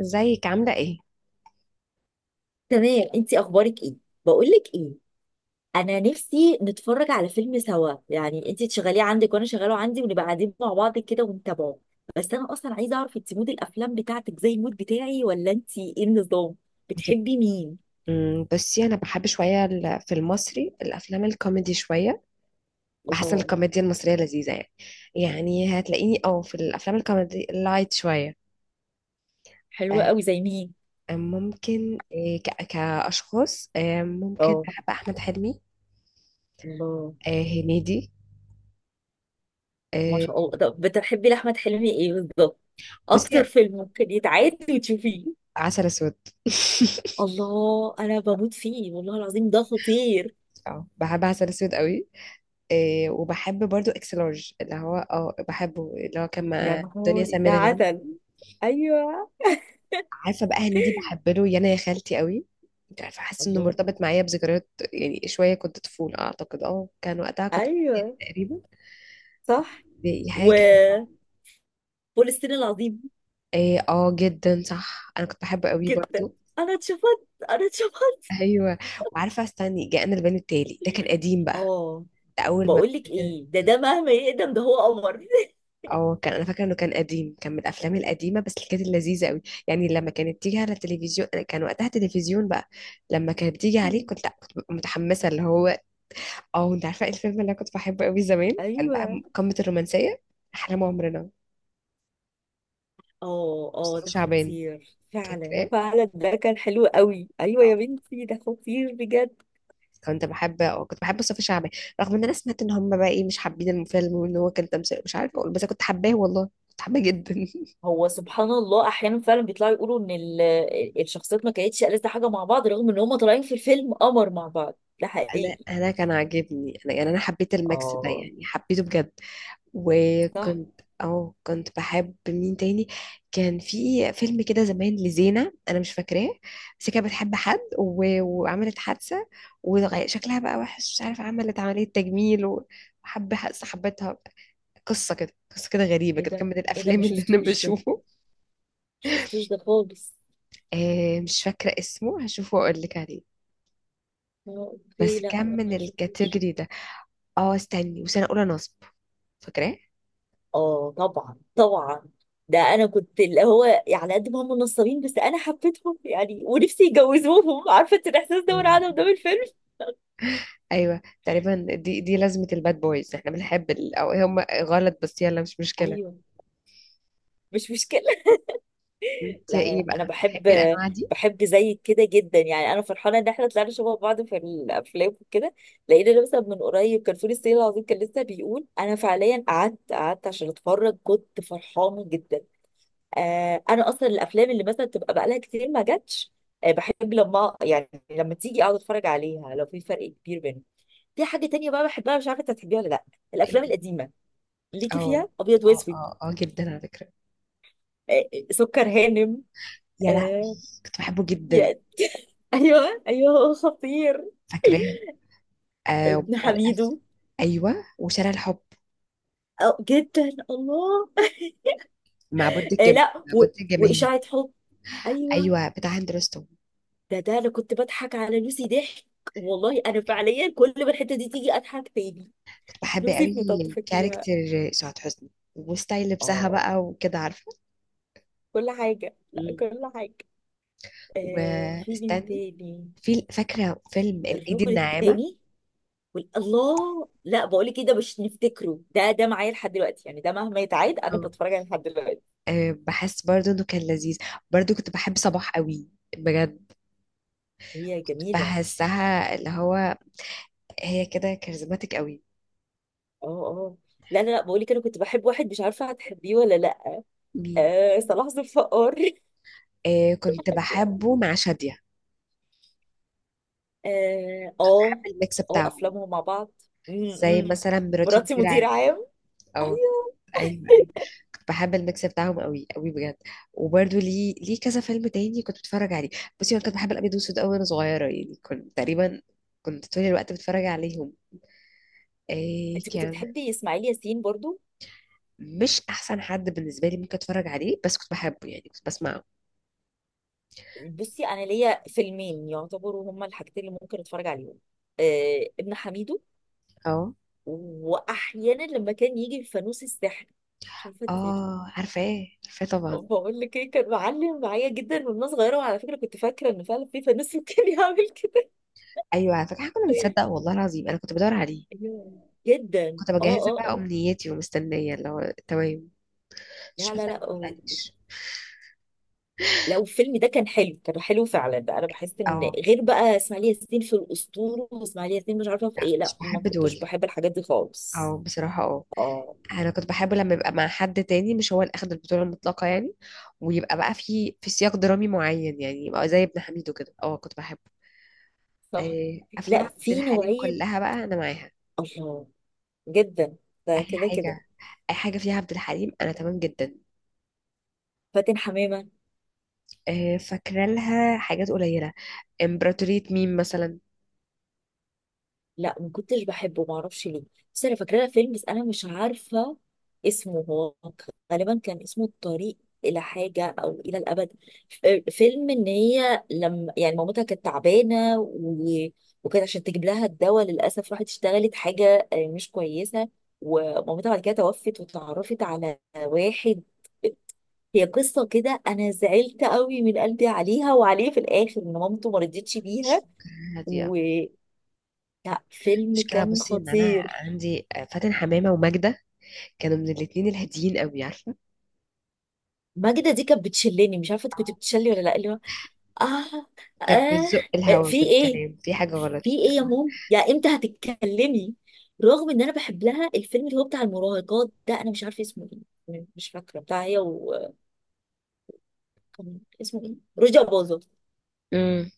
ازيك عاملة ايه؟ تمام. انتي اخبارك ايه؟ بقولك ايه، انا نفسي نتفرج على فيلم سوا، يعني انتي تشغليه عندك وانا شغاله عندي ونبقى قاعدين مع بعض كده ونتابعه. بس انا اصلا عايزه اعرف انتي مود الافلام بتاعتك زي المود بتاعي ولا انتي ايه النظام؟ انت. بتحبي مين؟ بصي، انا بحب شوية في المصري الافلام الكوميدي شوية. بحس ان الله. الكوميديا المصرية لذيذة يعني. يعني هتلاقيني او في الافلام الكوميدي اللايت شوية. حلوة آه، قوي، زي مين؟ ممكن، كاشخاص، ممكن اه. بحب احمد حلمي. الله. هنيدي. ما آه، شاء الله، طب بتحبي لاحمد حلمي ايه بالظبط؟ بصي، اكتر فيلم ممكن يتعاد وتشوفيه؟ عسل اسود. الله، انا بموت فيه، والله العظيم ده خطير. اه، بحب عسل اسود قوي. وبحب برضو اكس لارج، اللي هو بحبه، اللي هو كان يا مع دنيا نهار، ده سمير غانم. عسل. ايوه. عارفه بقى هنيدي، بحب له يانا يا خالتي قوي. مش عارفه، حاسه انه الله. مرتبط معايا بذكريات يعني شويه، كنت طفوله اعتقد، كان وقتها كنت في اعدادي ايوه. تقريبا. صح. دي حاجه كده وفلسطين. العظيم. إيه، اه جدا صح، انا كنت بحبه قوي جدا. برضو. انا اتشفت انا اتشفت. ايوه، وعارفه، استني جاءنا البيان التالي، ده كان قديم بقى. اه. ده اول ما بقول لك ابتدينا- ايه، ده مهما يقدم، ده هو قمر. اه كان انا فاكره انه كان قديم، كان من الافلام القديمه بس اللي كانت لذيذه قوي. يعني لما كانت تيجي على التلفزيون، أنا كان وقتها تلفزيون بقى. لما كانت بتيجي عليه كنت لا، كنت ببقى متحمسه اللي هو اه انت عارفه ايه الفيلم اللي انا كنت بحبه قوي زمان؟ كان بقى ايوه. قمه الرومانسيه، احلام عمرنا. اه اه، مصطفى ده شعبان. خطير فعلا فاكراه؟ فعلا، ده كان حلو قوي، ايوه يا اه. بنتي، ده خطير بجد. كنت بحب، كنت بحب مصطفى شعبان، رغم ان انا سمعت ان هم بقى ايه مش حابين الفيلم وان هو كان تمثيل مش عارفه اقول، بس أنا كنت حباه والله. كنت حباه جدا. هو سبحان الله، احيانا فعلا بيطلعوا يقولوا ان الشخصيات ما كانتش ألذ حاجه مع بعض، رغم ان هم طالعين في الفيلم قمر مع بعض. ده انا، حقيقي. كان عاجبني انا، يعني انا حبيت الميكس ده، اه يعني حبيته بجد. صح. وكنت، كنت بحب مين تاني؟ كان في فيلم كده زمان لزينة انا مش فاكراه، بس كانت بتحب حد، و... وعملت حادثة، وشكلها بقى وحش مش عارفة، عملت عملية تجميل، وحب صاحبتها. قصة كده غريبة ايه كده، كان ده؟ من ايه ده، ما الافلام اللي انا شفتوش ده، بشوفه. شفتوش ده خالص. آه، مش فاكرة اسمه، هشوفه واقول لك عليه. اه، اوكي، بس كان لا من ما شفتوش. الكاتيجوري ده. اه، استني، وسنة اولى نصب. فاكراه؟ اه، طبعا طبعا، ده انا كنت اللي هو، على قد ما هم نصابين، بس انا حبيتهم يعني، ونفسي يجوزوهم. عارفه انت الاحساس ده وانا قاعده قدام الفيلم. ايوه تقريبا. دي لازمة الباد بويز، احنا بنحب، ال... او إيه، هم غلط بس يلا مش مشكلة. ايوه. مش مشكله. انت لا لا ايه لا، انا بقى، بتحبي بحب، الانواع دي؟ بحب زيك كده جدا، يعني انا فرحانه ان احنا طلعنا شبه بعض في الافلام وكده. لقينا مثلا من قريب كان فول الصين العظيم، كان لسه بيقول، انا فعليا قعدت عشان اتفرج، كنت فرحانه جدا. آه، انا اصلا الافلام اللي مثلا تبقى بقالها كتير ما جاتش، آه بحب لما يعني لما تيجي اقعد اتفرج عليها لو في فرق كبير بينهم. في حاجه تانية بقى بحبها، مش عارفه انت هتحبيها ولا لا، الافلام ايه، القديمه، ليكي اه فيها ابيض اه واسود؟ اه، اه جدا على فكرة. آه، سكر هانم. يا لهوي آه. كنت بحبه جدا. يا. ايوه ايوه، هو خطير. فاكراه؟ آه، ابن والقفل. حميدو. ايوه، وشارع الحب. أو جدا، الله. آه لا معبود الجماهير. واشاعه حب. ايوه. ايوه، بتاع هند رستم. ده انا كنت بضحك على لوسي ضحك، والله انا فعليا كل ما الحته دي تيجي اضحك تاني، كنت بحب قوي نسيت نطبطب فيها. كاركتر سعاد حسني، وستايل لبسها اه بقى وكده عارفة. كل حاجة، لا مم. كل حاجة. آه، في بنت واستني، تاني، في فاكرة فيلم الايد الرجل الناعمة. التاني، الله، لا بقولك ايه، ده مش نفتكره، ده معايا لحد دلوقتي يعني، ده مهما يتعاد انا بتفرج عليه لحد دلوقتي. أه، بحس برضو انه كان لذيذ. برضو كنت بحب صباح قوي، بجد. هي جميلة. بحسها اللي هو، هي كده كاريزماتيك قوي. اه اه. لا لا لا، بقولك انا كنت بحب واحد، مش عارفة هتحبيه ولا لا. مين؟ آه، صلاح ذو الفقار. أه، كنت بحبه مع شادية. اه اه. بحب الميكس آه، بتاعهم، افلامهم مع بعض. م- زي م. مثلا مراتي مراتي مدير مدير عام. عام. او ايوه. ايوه، ايوه. كنت بحب الميكس بتاعهم قوي قوي بجد. وبرضو ليه كذا فيلم تاني كنت بتفرج عليه. بصي، انا كنت بحب الابيض والاسود قوي وانا صغيره، يعني كنت تقريبا كنت طول الوقت بتفرج عليهم. إيه انت كنت كان، بتحبي اسماعيل ياسين برضو؟ مش احسن حد بالنسبه لي ممكن اتفرج عليه، بس كنت بحبه يعني، كنت بسمع. بصي، انا ليا فيلمين يعتبروا هما الحاجتين اللي ممكن اتفرج عليهم، آه ابن حميدو، اه واحيانا لما كان يجي الفانوس السحري، مش عارفه تسيبي. اه، عارفاه عارفاه طبعا. بقول لك ايه، كان معلم معايا جدا وانا صغيره، وعلى فكره كنت فاكره ان فعلا في فانوس ممكن يعمل كده. ايوه، على فكره إحنا كنا بنصدق والله العظيم، انا كنت بدور عليه. أيوة. جدا، كنت اه مجهزه اه بقى اه. امنيتي ومستنيه اللي هو تمام. مش لا بس لا ما لا، تقلقنيش. لو الفيلم ده كان حلو، كان حلو فعلا بقى، انا بحس ان اه، غير بقى اسماعيل ياسين في الاسطوره واسماعيل ياسين، مش عارفه في لا ايه، مش لا ما بحب كنتش دول. بحب الحاجات دي اه خالص. بصراحه اه. اه. انا كنت بحب لما يبقى مع حد تاني، مش هو اللي اخد البطوله المطلقه يعني. ويبقى بقى في سياق درامي معين، يعني يبقى زي ابن حميدو كده، اه كنت بحبه. صح. آه، افلام لا، عبد في الحليم نوعية. كلها بقى انا معاها. الله. جدا. اي ده كده كده. حاجه، اي حاجه فيها عبد الحليم انا تمام جدا. فاتن حمامة، آه، فاكره لها حاجات قليله. امبراطورية مين مثلا. لا ما كنتش بحبه، ما اعرفش ليه. بس انا فاكره لها فيلم، بس انا مش عارفة اسمه هو، غالبا كان اسمه الطريق، الى حاجة او الى الابد. فيلم ان هي، لما يعني مامتها كانت تعبانة وكانت عشان تجيب لها الدواء، للاسف راحت اشتغلت حاجة مش كويسة، ومامتها بعد كده توفت، وتعرفت على واحد، هي قصة كده. أنا زعلت قوي من قلبي عليها وعليه في الآخر، إن مامته ما رضيتش مش بيها. فاكراها دي. و، لا فيلم مشكلة كان بصي، ان انا خطير. عندي فاتن حمامة وماجدة، كانوا من الاتنين الهاديين قوي عارفة. ماجدة دي كانت بتشلني، مش عارفة انت كنت بتشلي ولا لا اللي هو. آه. كانت بتزق آه الهوا في إيه، بالكلام في حاجة غلط. في إيه يا مام، يا إمتى هتتكلمي؟ رغم إن أنا بحب لها الفيلم اللي هو بتاع المراهقات ده، أنا مش عارفة اسمه إيه، مش فاكرة، بتاع هي و، كان اسمه إيه، رجع باظه؟ امم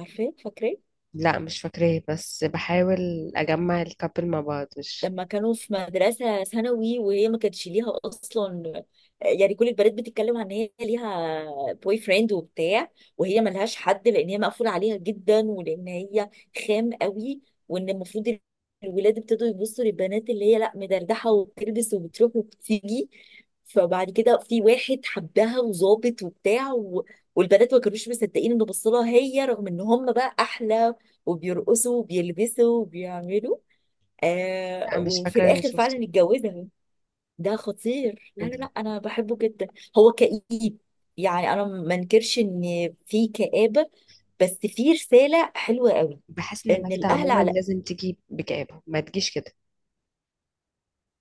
عارفة، فاكرة؟ لا مش فاكراه، بس بحاول اجمع الكابل مع بعض مش. لما كانوا في مدرسة ثانوي وهي ما كانتش ليها أصلا، يعني كل البنات بتتكلم عن إن هي ليها بوي فريند وبتاع، وهي ملهاش حد، لأن هي مقفولة عليها جدا، ولأن هي خام قوي، وإن المفروض، الولاد ابتدوا يبصوا للبنات اللي هي لا مدردحة وبتلبس وبتروح وبتيجي. فبعد كده في واحد حبها، وظابط وبتاع، والبنات ما كانوش مصدقين انه بصلها هي، رغم ان هم بقى احلى وبيرقصوا وبيلبسوا وبيعملوا. لا آه، مش وفي فاكرة اني الاخر شفته فعلا ده. اتجوزها. ده خطير، لا لا لا لا. انا بحبه جدا. هو كئيب، يعني انا ما انكرش ان في كآبة، بس في رسالة حلوة قوي، بحس ان ان ماجدة الاهل عموما على. لازم تجي بجابه، ما تجيش كده.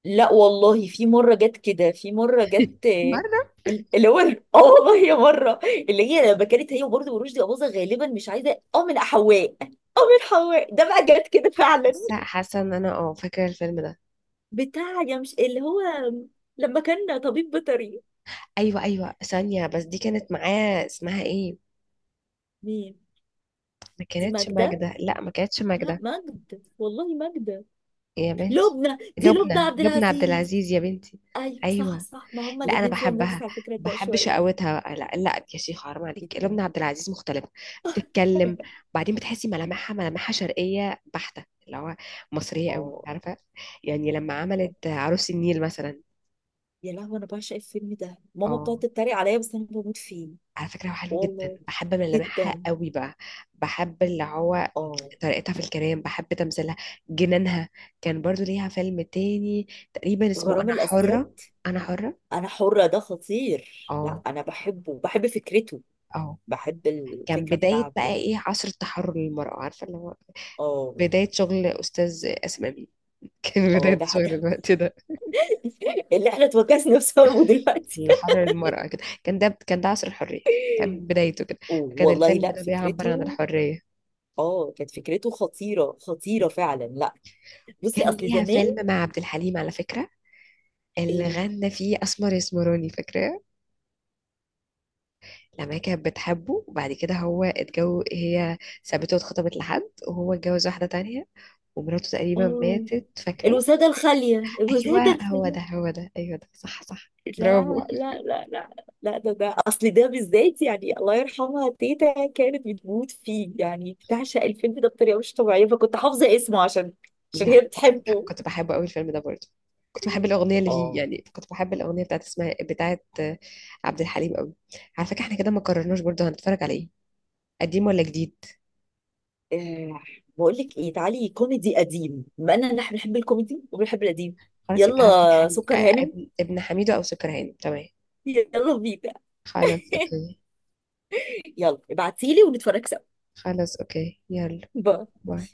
لا والله، في مرة جت كده، في مرة جت، برضه. اللي هو، اه والله يا مرة، اللي هي لما كانت هي وبرده ورشدي أباظة، غالبا مش عايزة، من حواء، اه من حواء، ده بقى جت كده فعلا. حاسه ان انا فاكره الفيلم ده. بتاع يا، مش اللي هو، لما كان طبيب بيطري. ايوه ايوه، ثانيه بس، دي كانت معاه اسمها ايه؟ ما دي كانتش ماجدة، ماجدة، لا ما كانتش لا ماجدة ماجد، والله ماجدة. يا بنتي. لبنى، دي لبنى لبنى، عبد لبنى عبد العزيز. العزيز يا بنتي. ايوه صح ايوه. صح، ما هما لا انا الاتنين فيهم نفس بحبها، على فكرة ده بحب شوية. شقاوتها. لا لا يا شيخ حرام عليك، جدا. لبنى عبد العزيز مختلفه. بتتكلم، بعدين بتحسي ملامحها، شرقيه بحته، اللي هو مصريه قوي اه. عارفه. يعني لما عملت عروس النيل مثلا. يا لهوي، انا بعشق الفيلم ده، ماما اه، بتقعد تتريق عليا بس انا بموت فيه. على فكرة هو حلو جدا، والله. بحب ملامحها جدا. قوي بقى. بحب اللي هو اه. طريقتها في الكلام، بحب تمثيلها، جنانها. كان برضو ليها فيلم تاني، تقريبا اسمه غرام أنا الاسياد. حرة. أنا حرة، انا حرة ده خطير، لا اه انا بحبه، بحب فكرته، اه. بحب كان الفكرة بداية بقى بتاعته. ايه، عصر التحرر للمرأة، عارفة اللي هو اه. بداية شغل أستاذ آسم أمين. كان اه بداية شغل الوقت ده، اللي احنا اتوكسنا بسببه دلوقتي. اللي حرر المرأة كده. كان ده عصر الحرية، كان بدايته كده. كان والله، الفيلم لا ده بيعبر عن فكرته، الحرية. اه كانت فكرته خطيرة خطيرة فعلا، لا بصي، كان اصل ليها زمان. فيلم مع عبد الحليم على فكرة، اللي إيه. غنى فيه اسمر يسمراني. فاكراه؟ لما هي كانت بتحبه، وبعد كده هو اتجوز، هي سابته واتخطبت لحد، وهو اتجوز واحده تانية، ومراته تقريبا اه، ماتت. فاكراه؟ الوسادة الخالية، الوسادة ايوه، الخالية. هو ده، ايوه ده صح، صح، برافو. لا. لا لا لا. لا، ده اصل ده بالذات يعني، الله يرحمها تيتا كانت بتموت فيه، يعني بتعشق الفيلم ده بطريقة مش طبيعية، فكنت حافظة اسمه، عشان عشان لا هي كنت بتحبه. كنت بحبه قوي الفيلم ده برضه. كنت بحب الاغنيه اللي فيه، اه. يعني كنت بحب الاغنيه بتاعت، اسمها بتاعت عبد الحليم قوي. على فكره احنا كده ما قررناش برضه هنتفرج على ايه، قديم ولا جديد. آه. بقول لك ايه، تعالي كوميدي قديم، بما اننا نحن بنحب الكوميدي وبنحب القديم. خلاص يبقى عبد يلا الحليم، سكر هانم، ابن حميدو، او سكران تمام. يلا بينا. خلاص اوكي. يلا ابعتيلي ونتفرج سوا. خلاص اوكي يلا. باي. باي.